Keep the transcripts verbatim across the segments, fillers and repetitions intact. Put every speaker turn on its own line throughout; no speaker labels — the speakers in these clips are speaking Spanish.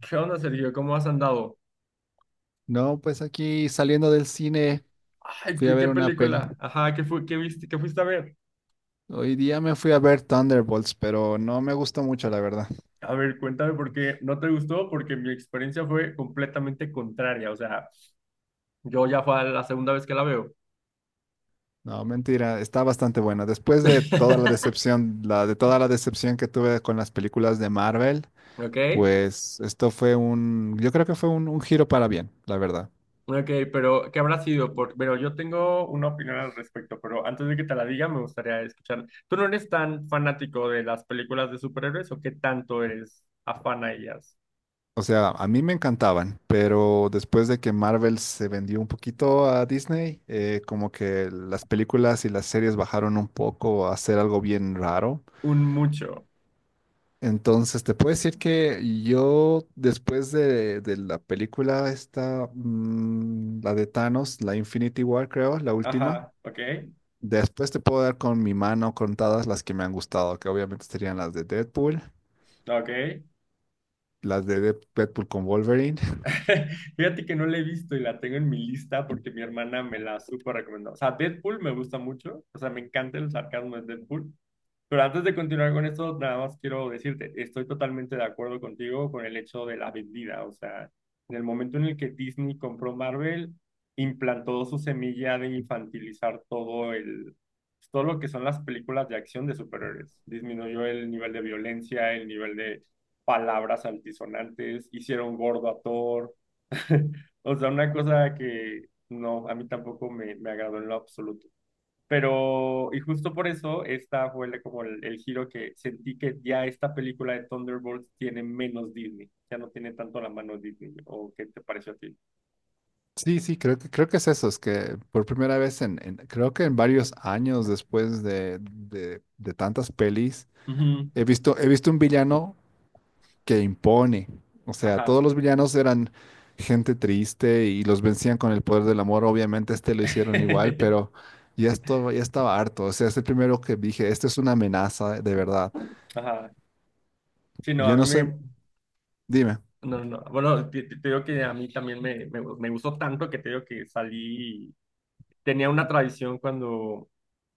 ¿Qué onda, Sergio? ¿Cómo has andado?
No, pues aquí saliendo del cine
Ay,
fui a
¿qué, qué
ver una peli.
película? Ajá, ¿qué fue, qué viste, qué fuiste a ver?
Hoy día me fui a ver Thunderbolts, pero no me gustó mucho, la verdad.
A ver, cuéntame por qué no te gustó, porque mi experiencia fue completamente contraria. O sea, yo ya fue la segunda vez que la veo.
No, mentira, está bastante buena. Después de toda la decepción, la de toda la decepción que tuve con las películas de Marvel,
¿Ok?
pues esto fue un, yo creo que fue un, un giro para bien, la verdad.
Ok, pero ¿qué habrá sido? Por... Pero yo tengo una opinión al respecto, pero antes de que te la diga, me gustaría escuchar. ¿Tú no eres tan fanático de las películas de superhéroes o qué tanto eres afán a ellas?
O sea, a mí me encantaban, pero después de que Marvel se vendió un poquito a Disney, eh, como que las películas y las series bajaron un poco a hacer algo bien raro.
Un mucho.
Entonces, te puedo decir que yo, después de, de la película esta, mm, la de Thanos, la Infinity War, creo, la última,
Ajá, ok,
después te puedo dar con mi mano contadas las que me han gustado, que obviamente serían las de Deadpool,
ok.
las de Dead- Deadpool con Wolverine.
Fíjate que no la he visto y la tengo en mi lista porque mi hermana me la súper recomendó. O sea, Deadpool me gusta mucho. O sea, me encanta el sarcasmo de Deadpool. Pero antes de continuar con esto, nada más quiero decirte, estoy totalmente de acuerdo contigo con el hecho de la vendida. O sea, en el momento en el que Disney compró Marvel, implantó su semilla de infantilizar todo el, todo lo que son las películas de acción de superhéroes. Disminuyó el nivel de violencia, el nivel de palabras altisonantes, hicieron gordo a Thor. O sea, una cosa que no, a mí tampoco me, me agradó en lo absoluto. Pero, y justo por eso, esta fue la- como el, el giro que sentí que ya esta película de Thunderbolts tiene menos Disney, ya no tiene tanto la mano Disney, ¿o qué te pareció a ti?
Sí, sí, creo que, creo que es eso, es que por primera vez en, en- creo que en varios años después de, de, de tantas pelis,
Ujú.
he visto, he visto un villano que impone. O sea,
Ajá.
todos los villanos eran gente triste y los vencían con el poder del amor. Obviamente este lo hicieron igual, pero ya esto ya estaba harto. O sea, es el primero que dije, este es una amenaza de verdad.
Ajá. Sí, no, a
Yo
mí
no soy,
me...
dime.
No, no, no. Bueno, te, te- te digo que a mí también me, me, me gustó tanto que te digo que salí, tenía una tradición cuando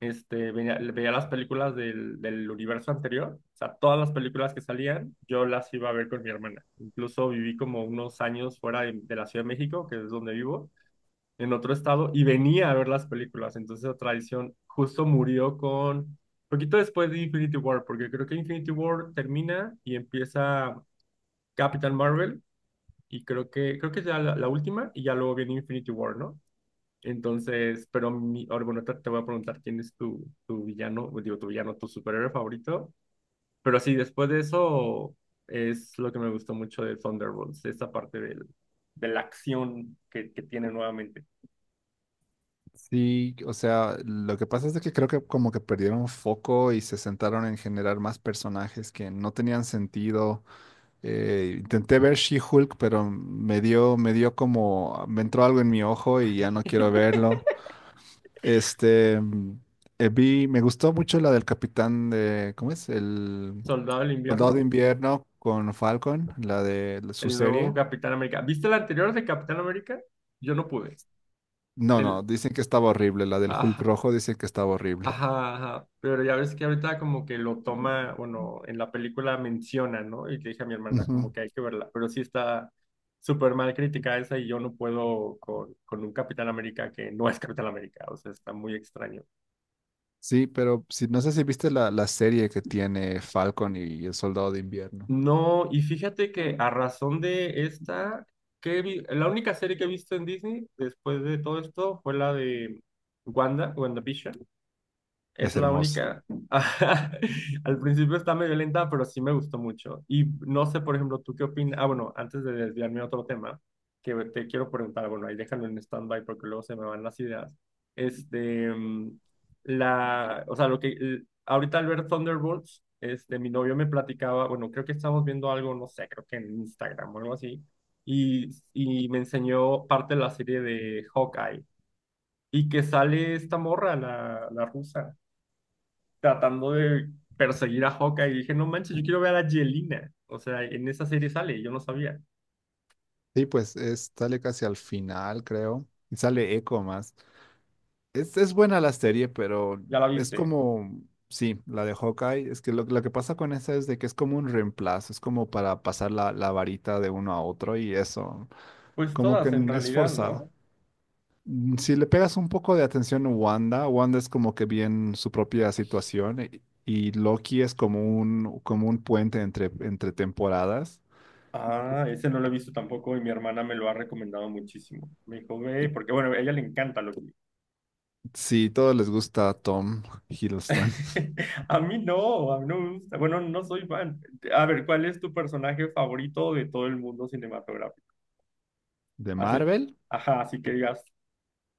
este, veía, veía las películas del, del universo anterior, o sea, todas las películas que salían, yo las iba a ver con mi hermana. Incluso viví como unos años fuera de, de la Ciudad de México, que es donde vivo, en otro estado, y venía a ver las películas. Entonces la tradición justo murió con... Poquito después de Infinity War, porque creo que Infinity War termina y empieza Captain Marvel, y creo que, creo que es ya la, la última, y ya luego viene Infinity War, ¿no? Entonces, pero mi, ahora, bueno, te, te voy a preguntar quién es tu, tu villano. Pues, digo, tu villano, tu superhéroe favorito. Pero sí, después de eso es lo que me gustó mucho de Thunderbolts, esa parte del, de la acción que, que tiene nuevamente.
Sí, o sea, lo que pasa es de que creo que como que perdieron foco y se sentaron en generar más personajes que no tenían sentido. Eh, intenté ver She-Hulk, pero me dio, me dio como, me entró algo en mi ojo y ya no quiero verlo. Este, mm, eh, vi, me gustó mucho la del capitán de, ¿cómo es? El
Soldado del
soldado de
Invierno,
invierno con Falcon, la de su
el nuevo
serie.
Capitán América. ¿Viste el anterior de Capitán América? Yo no pude.
No, no,
El,
dicen que estaba horrible. La del Hulk
ah,
rojo dicen que estaba horrible.
ajá, ajá, pero ya ves que ahorita como que lo toma, bueno, en la película menciona, ¿no? Y le dije a mi hermana, como
Ujú.
que hay que verla, pero sí está súper mal crítica esa y yo no puedo con, con un Capitán América que no es Capitán América, o sea, está muy extraño.
Sí, pero si, no sé si viste la, la serie que tiene Falcon y el soldado de invierno.
No, y fíjate que a razón de esta, que vi- la única serie que he visto en Disney después de todo esto fue la de Wanda, WandaVision. Es
Es
la
hermosa.
única. Al principio está medio lenta, pero sí me gustó mucho. Y no sé, por ejemplo, tú qué opinas. Ah, bueno, antes de desviarme a otro tema, que te quiero preguntar, bueno, ahí déjalo en stand-by porque luego se me van las ideas. Este, mm, la, o sea, lo que, l- ahorita al ver Thunderbolts, este, mi novio me platicaba, bueno, creo que estamos viendo algo, no sé, creo que en Instagram o algo así, y, y me enseñó parte de la serie de Hawkeye, y que sale esta morra, la, la rusa tratando de perseguir a Hawkeye y dije, no manches, yo quiero ver a Yelena. O sea, en esa serie sale, yo no sabía.
Sí, pues es, sale casi al final, creo. Y sale Echo más. Es, es buena la serie, pero
¿Ya la
es
viste?
como, sí, la de Hawkeye, es que lo, lo que pasa con esa es de que es como un reemplazo, es como para pasar la, la varita de uno a otro y eso,
Pues
como que
todas en
n- es
realidad,
forzado.
¿no?
Mm, Si le pegas un poco de atención a Wanda, Wanda es como que bien su propia situación y, y Loki es como un, como un puente entre, entre temporadas.
Ah, ese no lo he visto tampoco y mi hermana me lo ha recomendado muchísimo. Me dijo, ve, porque bueno, a ella le encanta lo que...
Sí, todos les gusta Tom Hiddleston
A mí no, a mí no me gusta. Bueno, no soy fan. A ver, ¿cuál es tu personaje favorito de todo el mundo cinematográfico?
de
Así,
Marvel.
ajá, así que digas,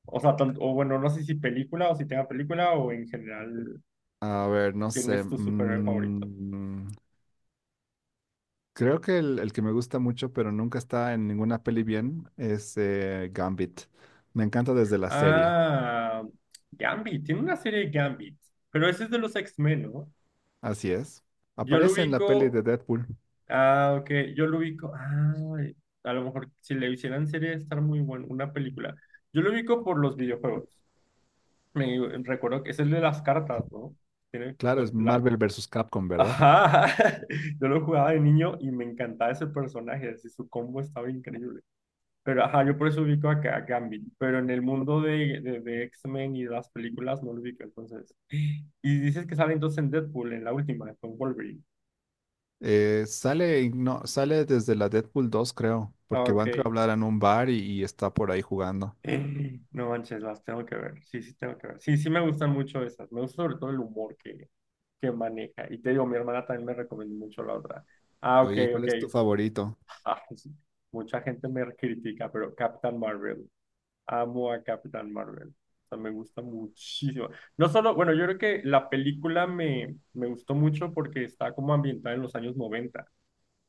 o sea, tan- o bueno, no sé si película o si tenga película o en general,
A ver, no
¿quién
sé.
es tu superhéroe favorito?
mm, Creo que el, el que me gusta mucho, pero nunca está en ninguna peli bien, es eh, Gambit. Me encanta desde la serie.
Ah, Gambit, tiene una serie de Gambit, pero ese es de los X-Men, ¿no?
Así es.
Yo lo
Aparece en la peli
ubico,
de Deadpool.
ah, ok, yo lo ubico, ah, a lo mejor si le hicieran serie estar muy bueno, una película. Yo lo ubico por los videojuegos. Me recuerdo que es el de las cartas, ¿no? Tiene
Claro,
con
es
la...
Marvel versus Capcom, ¿verdad?
Ajá, yo lo jugaba de niño y me encantaba ese personaje, así su combo estaba increíble. Pero ajá, yo por eso ubico acá a Gambit, pero en el mundo de, de, de X-Men y de las películas no lo ubico, entonces. Y dices que sale entonces en Deadpool, en la última, con Wolverine.
Eh, sale, no, sale desde la Deadpool dos, creo,
Ah,
porque
ok.
van creo, a hablar en un bar y, y está por ahí jugando.
Eh, no manches, las tengo que ver. Sí, sí, tengo que ver. Sí, sí, me gustan mucho esas. Me gusta sobre todo el humor que, que maneja. Y te digo, mi hermana también me recomendó mucho la otra. Ah, ok,
Oye, ¿cuál
ok.
es tu favorito?
Ah, sí. Mucha gente me critica, pero Captain Marvel. Amo a Capitán Marvel. O sea, me gusta muchísimo. No solo, bueno, yo creo que la película me, me gustó mucho porque está como ambientada en los años noventa.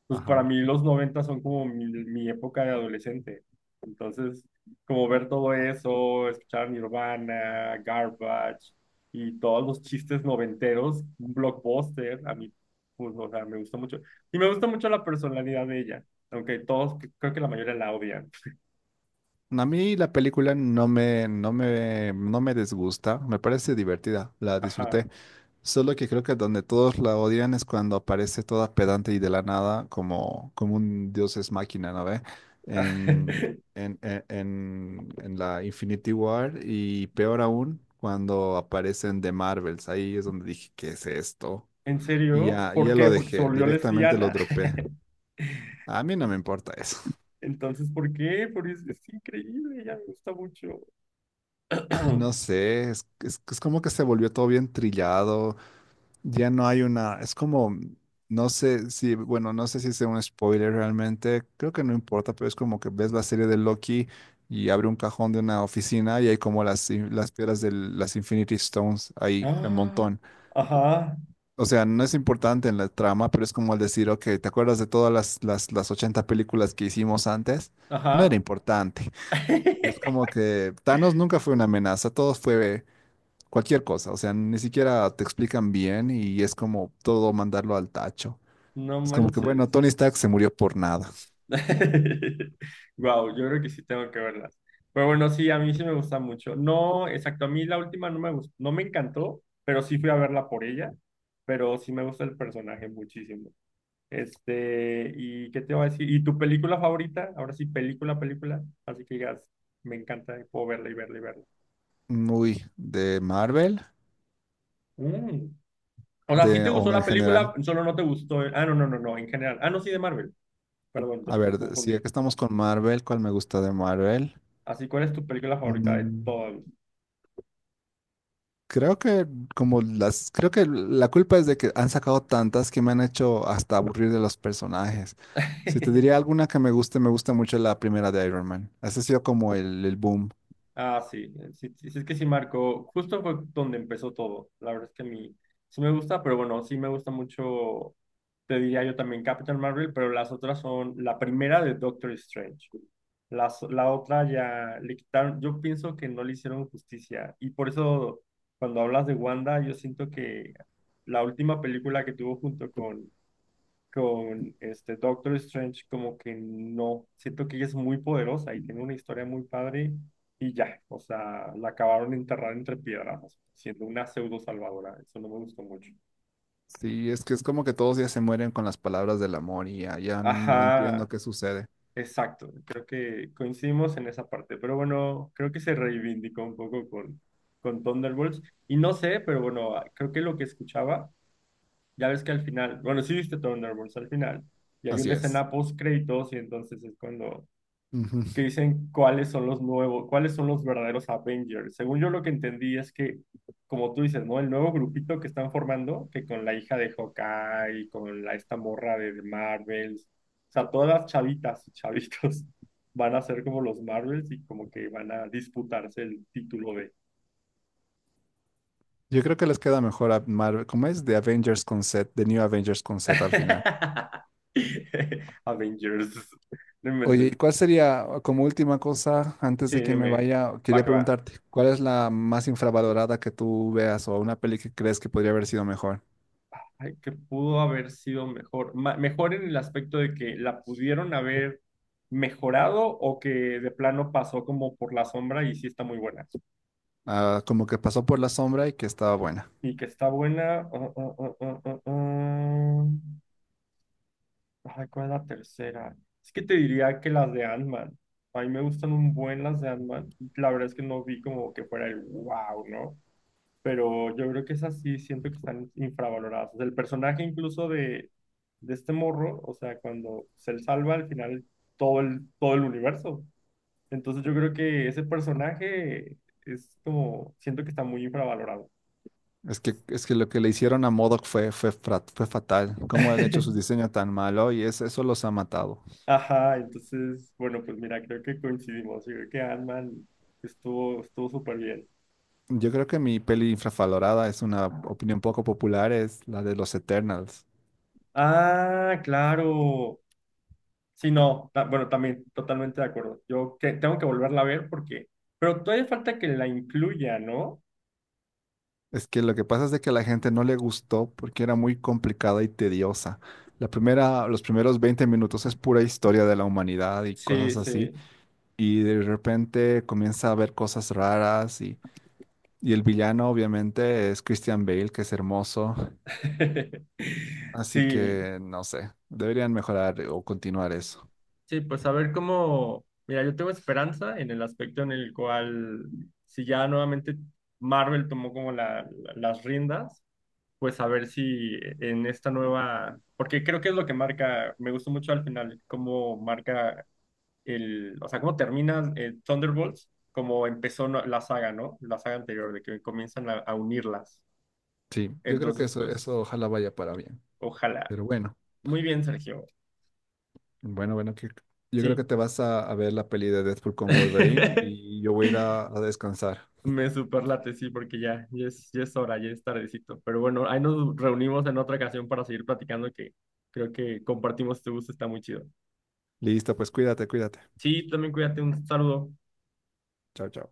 Pues para
Ajá.
mí los noventa son como mi, mi época de adolescente. Entonces, como ver todo eso, escuchar Nirvana, Garbage y todos los chistes noventeros, un blockbuster, a mí, pues, o sea, me gusta mucho. Y me gusta mucho la personalidad de ella, aunque todos, creo que la mayoría la odian.
A mí la película no me, no me, no me disgusta, me parece divertida, la
Ajá.
disfruté. Solo que creo que donde todos la odian es cuando aparece toda pedante y de la nada como, como un dios es máquina, ¿no ve? En, en, en, en- en la Infinity War y peor aún cuando aparecen de Marvels. Ahí es donde dije, ¿qué es esto?
¿En
Y
serio?
ya,
¿Por
ya
qué?
lo
¿Porque se
dejé,
volvió
directamente lo
lesbiana?
dropé. A mí no me importa eso.
Entonces, ¿por qué? Porque es, es increíble, ella me gusta mucho.
No sé, es, es es como que se volvió todo bien trillado. Ya no hay una, es como, no sé si, bueno, no sé si sea un spoiler realmente, creo que no importa, pero es como que ves la serie de Loki y abre un cajón de una oficina y hay como las, in- las piedras de las Infinity Stones ahí un
Ah,
montón.
ajá,
O sea, no es importante en la trama, pero es como el decir, ok, ¿te acuerdas de todas las, las, las ochenta películas que hicimos antes? No era
ajá.
importante. Y es como que Thanos nunca fue una amenaza, todo fue cualquier cosa, o sea, ni siquiera te explican bien y es como todo mandarlo al tacho.
No
Es como que, bueno,
manches.
Tony Stark se murió por nada.
Wow, yo creo que sí tengo que verlas. Pero bueno, sí, a mí sí me gusta mucho. No, exacto, a mí la última no me gustó, no me encantó, pero sí fui a verla por ella. Pero sí me gusta el personaje muchísimo. Este, ¿y qué te va a decir? ¿Y tu película favorita? Ahora sí, película, película. Así que digas, me encanta, y puedo verla y verla y verla.
Muy de Marvel,
Mm. O sea, sí
de,
te gustó
o en
la
general.
película, solo no te gustó. Ah, no, no, no, no, en general. Ah, no, sí, de Marvel. Perdón, te-
A
me
ver, si aquí
confundí.
estamos con Marvel, ¿cuál me gusta de Marvel?
Así, ¿cuál es tu película favorita de
Mm,
todas?
creo que como las, creo que la culpa es de que han sacado tantas que me han hecho hasta aburrir de los personajes. Si te diría alguna que me guste, me gusta mucho la primera de Iron Man. Ese ha sido como el, el boom.
Ah, sí, eh, sí, sí, sí, es que sí marcó, justo fue donde empezó todo. La verdad es que a mí sí me gusta, pero bueno, sí me gusta mucho, te diría yo también Captain Marvel, pero las otras son la primera de Doctor Strange. Las, la otra ya le quitaron, yo pienso que no le hicieron justicia y por eso cuando hablas de Wanda, yo siento que la última película que tuvo junto con con este Doctor Strange, como que no, siento que ella es muy poderosa y tiene una historia muy padre y ya, o sea, la acabaron de enterrar entre piedras, siendo una pseudo salvadora, eso no me gustó mucho.
Sí, es que es como que todos ya se mueren con las palabras del amor y ya, ya no
Ajá,
entiendo qué sucede.
exacto, creo que coincidimos en esa parte, pero bueno, creo que se reivindicó un poco con, con Thunderbolts y no sé, pero bueno, ah, creo que lo que escuchaba, ya ves que al final, bueno, sí viste Thunderbolts al final. Y hay
Así
una
es.
escena post créditos y entonces es cuando que
Ujú.
dicen cuáles son los nuevos, cuáles son los verdaderos Avengers. Según yo lo que entendí es que, como tú dices, ¿no? El nuevo grupito que están formando, que con la hija de Hawkeye, con la, esta morra de de Marvels, o sea, todas las chavitas y chavitos van a ser como los Marvels y como que van a disputarse el título de
Yo creo que les queda mejor a Marvel. ¿Cómo es? The Avengers Concept, The New Avengers Concept al final.
Avengers. No
Oye, ¿y
inventes.
cuál sería, como última cosa, antes
Sí,
de que me
dime,
vaya,
va
quería
que va.
preguntarte, cuál es la más infravalorada que tú veas o una peli que crees que podría haber sido mejor?
Ay, que pudo haber sido mejor. Ma- mejor en el aspecto de que la pudieron haber mejorado o que de plano pasó como por la sombra y sí está muy buena.
Ah, como que pasó por la sombra y que estaba buena.
Y que está buena. uh, uh, uh, uh, uh, uh. Ay, ¿cuál es la tercera? Es que te diría que las de Ant-Man. A mí me gustan un buen las de Ant-Man. La verdad es que no vi como que fuera el wow, ¿no? Pero yo creo que esas sí siento que están infravaloradas. O sea, el personaje incluso de, de este morro, o sea, cuando se le salva al final todo el, todo el universo. Entonces yo creo que ese personaje es como, siento que está muy infravalorado.
Es que, es que lo que le hicieron a MODOK fue, fue, fra- fue fatal. Cómo han hecho su diseño tan malo y es, eso los ha matado.
Ajá, entonces, bueno, pues mira, creo que coincidimos. Yo creo que Ant-Man estuvo, estuvo súper bien.
Yo creo que mi peli infravalorada es una opinión poco popular, es la de los Eternals.
Ah, claro. Sí, no, ta- bueno, también, totalmente de acuerdo. Yo que- tengo que volverla a ver porque, pero todavía falta que la incluya, ¿no?
Es que lo que pasa es de que a la gente no le gustó porque era muy complicada y tediosa. La primera, los primeros veinte minutos es pura historia de la humanidad y
Sí,
cosas así.
sí.
Y de repente comienza a haber cosas raras y, y el villano obviamente es Christian Bale, que es hermoso. Así
Sí,
que no sé, deberían mejorar o continuar eso.
sí, pues a ver cómo, mira, yo tengo esperanza en el aspecto en el cual, si ya nuevamente Marvel tomó como la- la- las riendas, pues a ver si en esta nueva, porque creo que es lo que marca, me gustó mucho al final, cómo marca el, o sea, cómo termina eh, Thunderbolts, como empezó no- la saga, ¿no? La saga anterior, de que comienzan a, a unirlas.
Sí, yo creo que
Entonces,
eso,
pues,
eso ojalá vaya para bien.
ojalá.
Pero bueno.
Muy bien, Sergio.
Bueno, bueno, que yo creo
Sí.
que te vas a, a ver la peli de Deadpool con Wolverine y yo voy a ir a, a descansar.
Me superlate, sí, porque ya, ya es, ya es hora, ya es tardecito. Pero bueno, ahí nos reunimos en otra ocasión para seguir platicando que creo que compartimos este gusto, está muy chido.
Listo, pues cuídate, cuídate.
Sí, también cuídate, un saludo.
Chao, chao.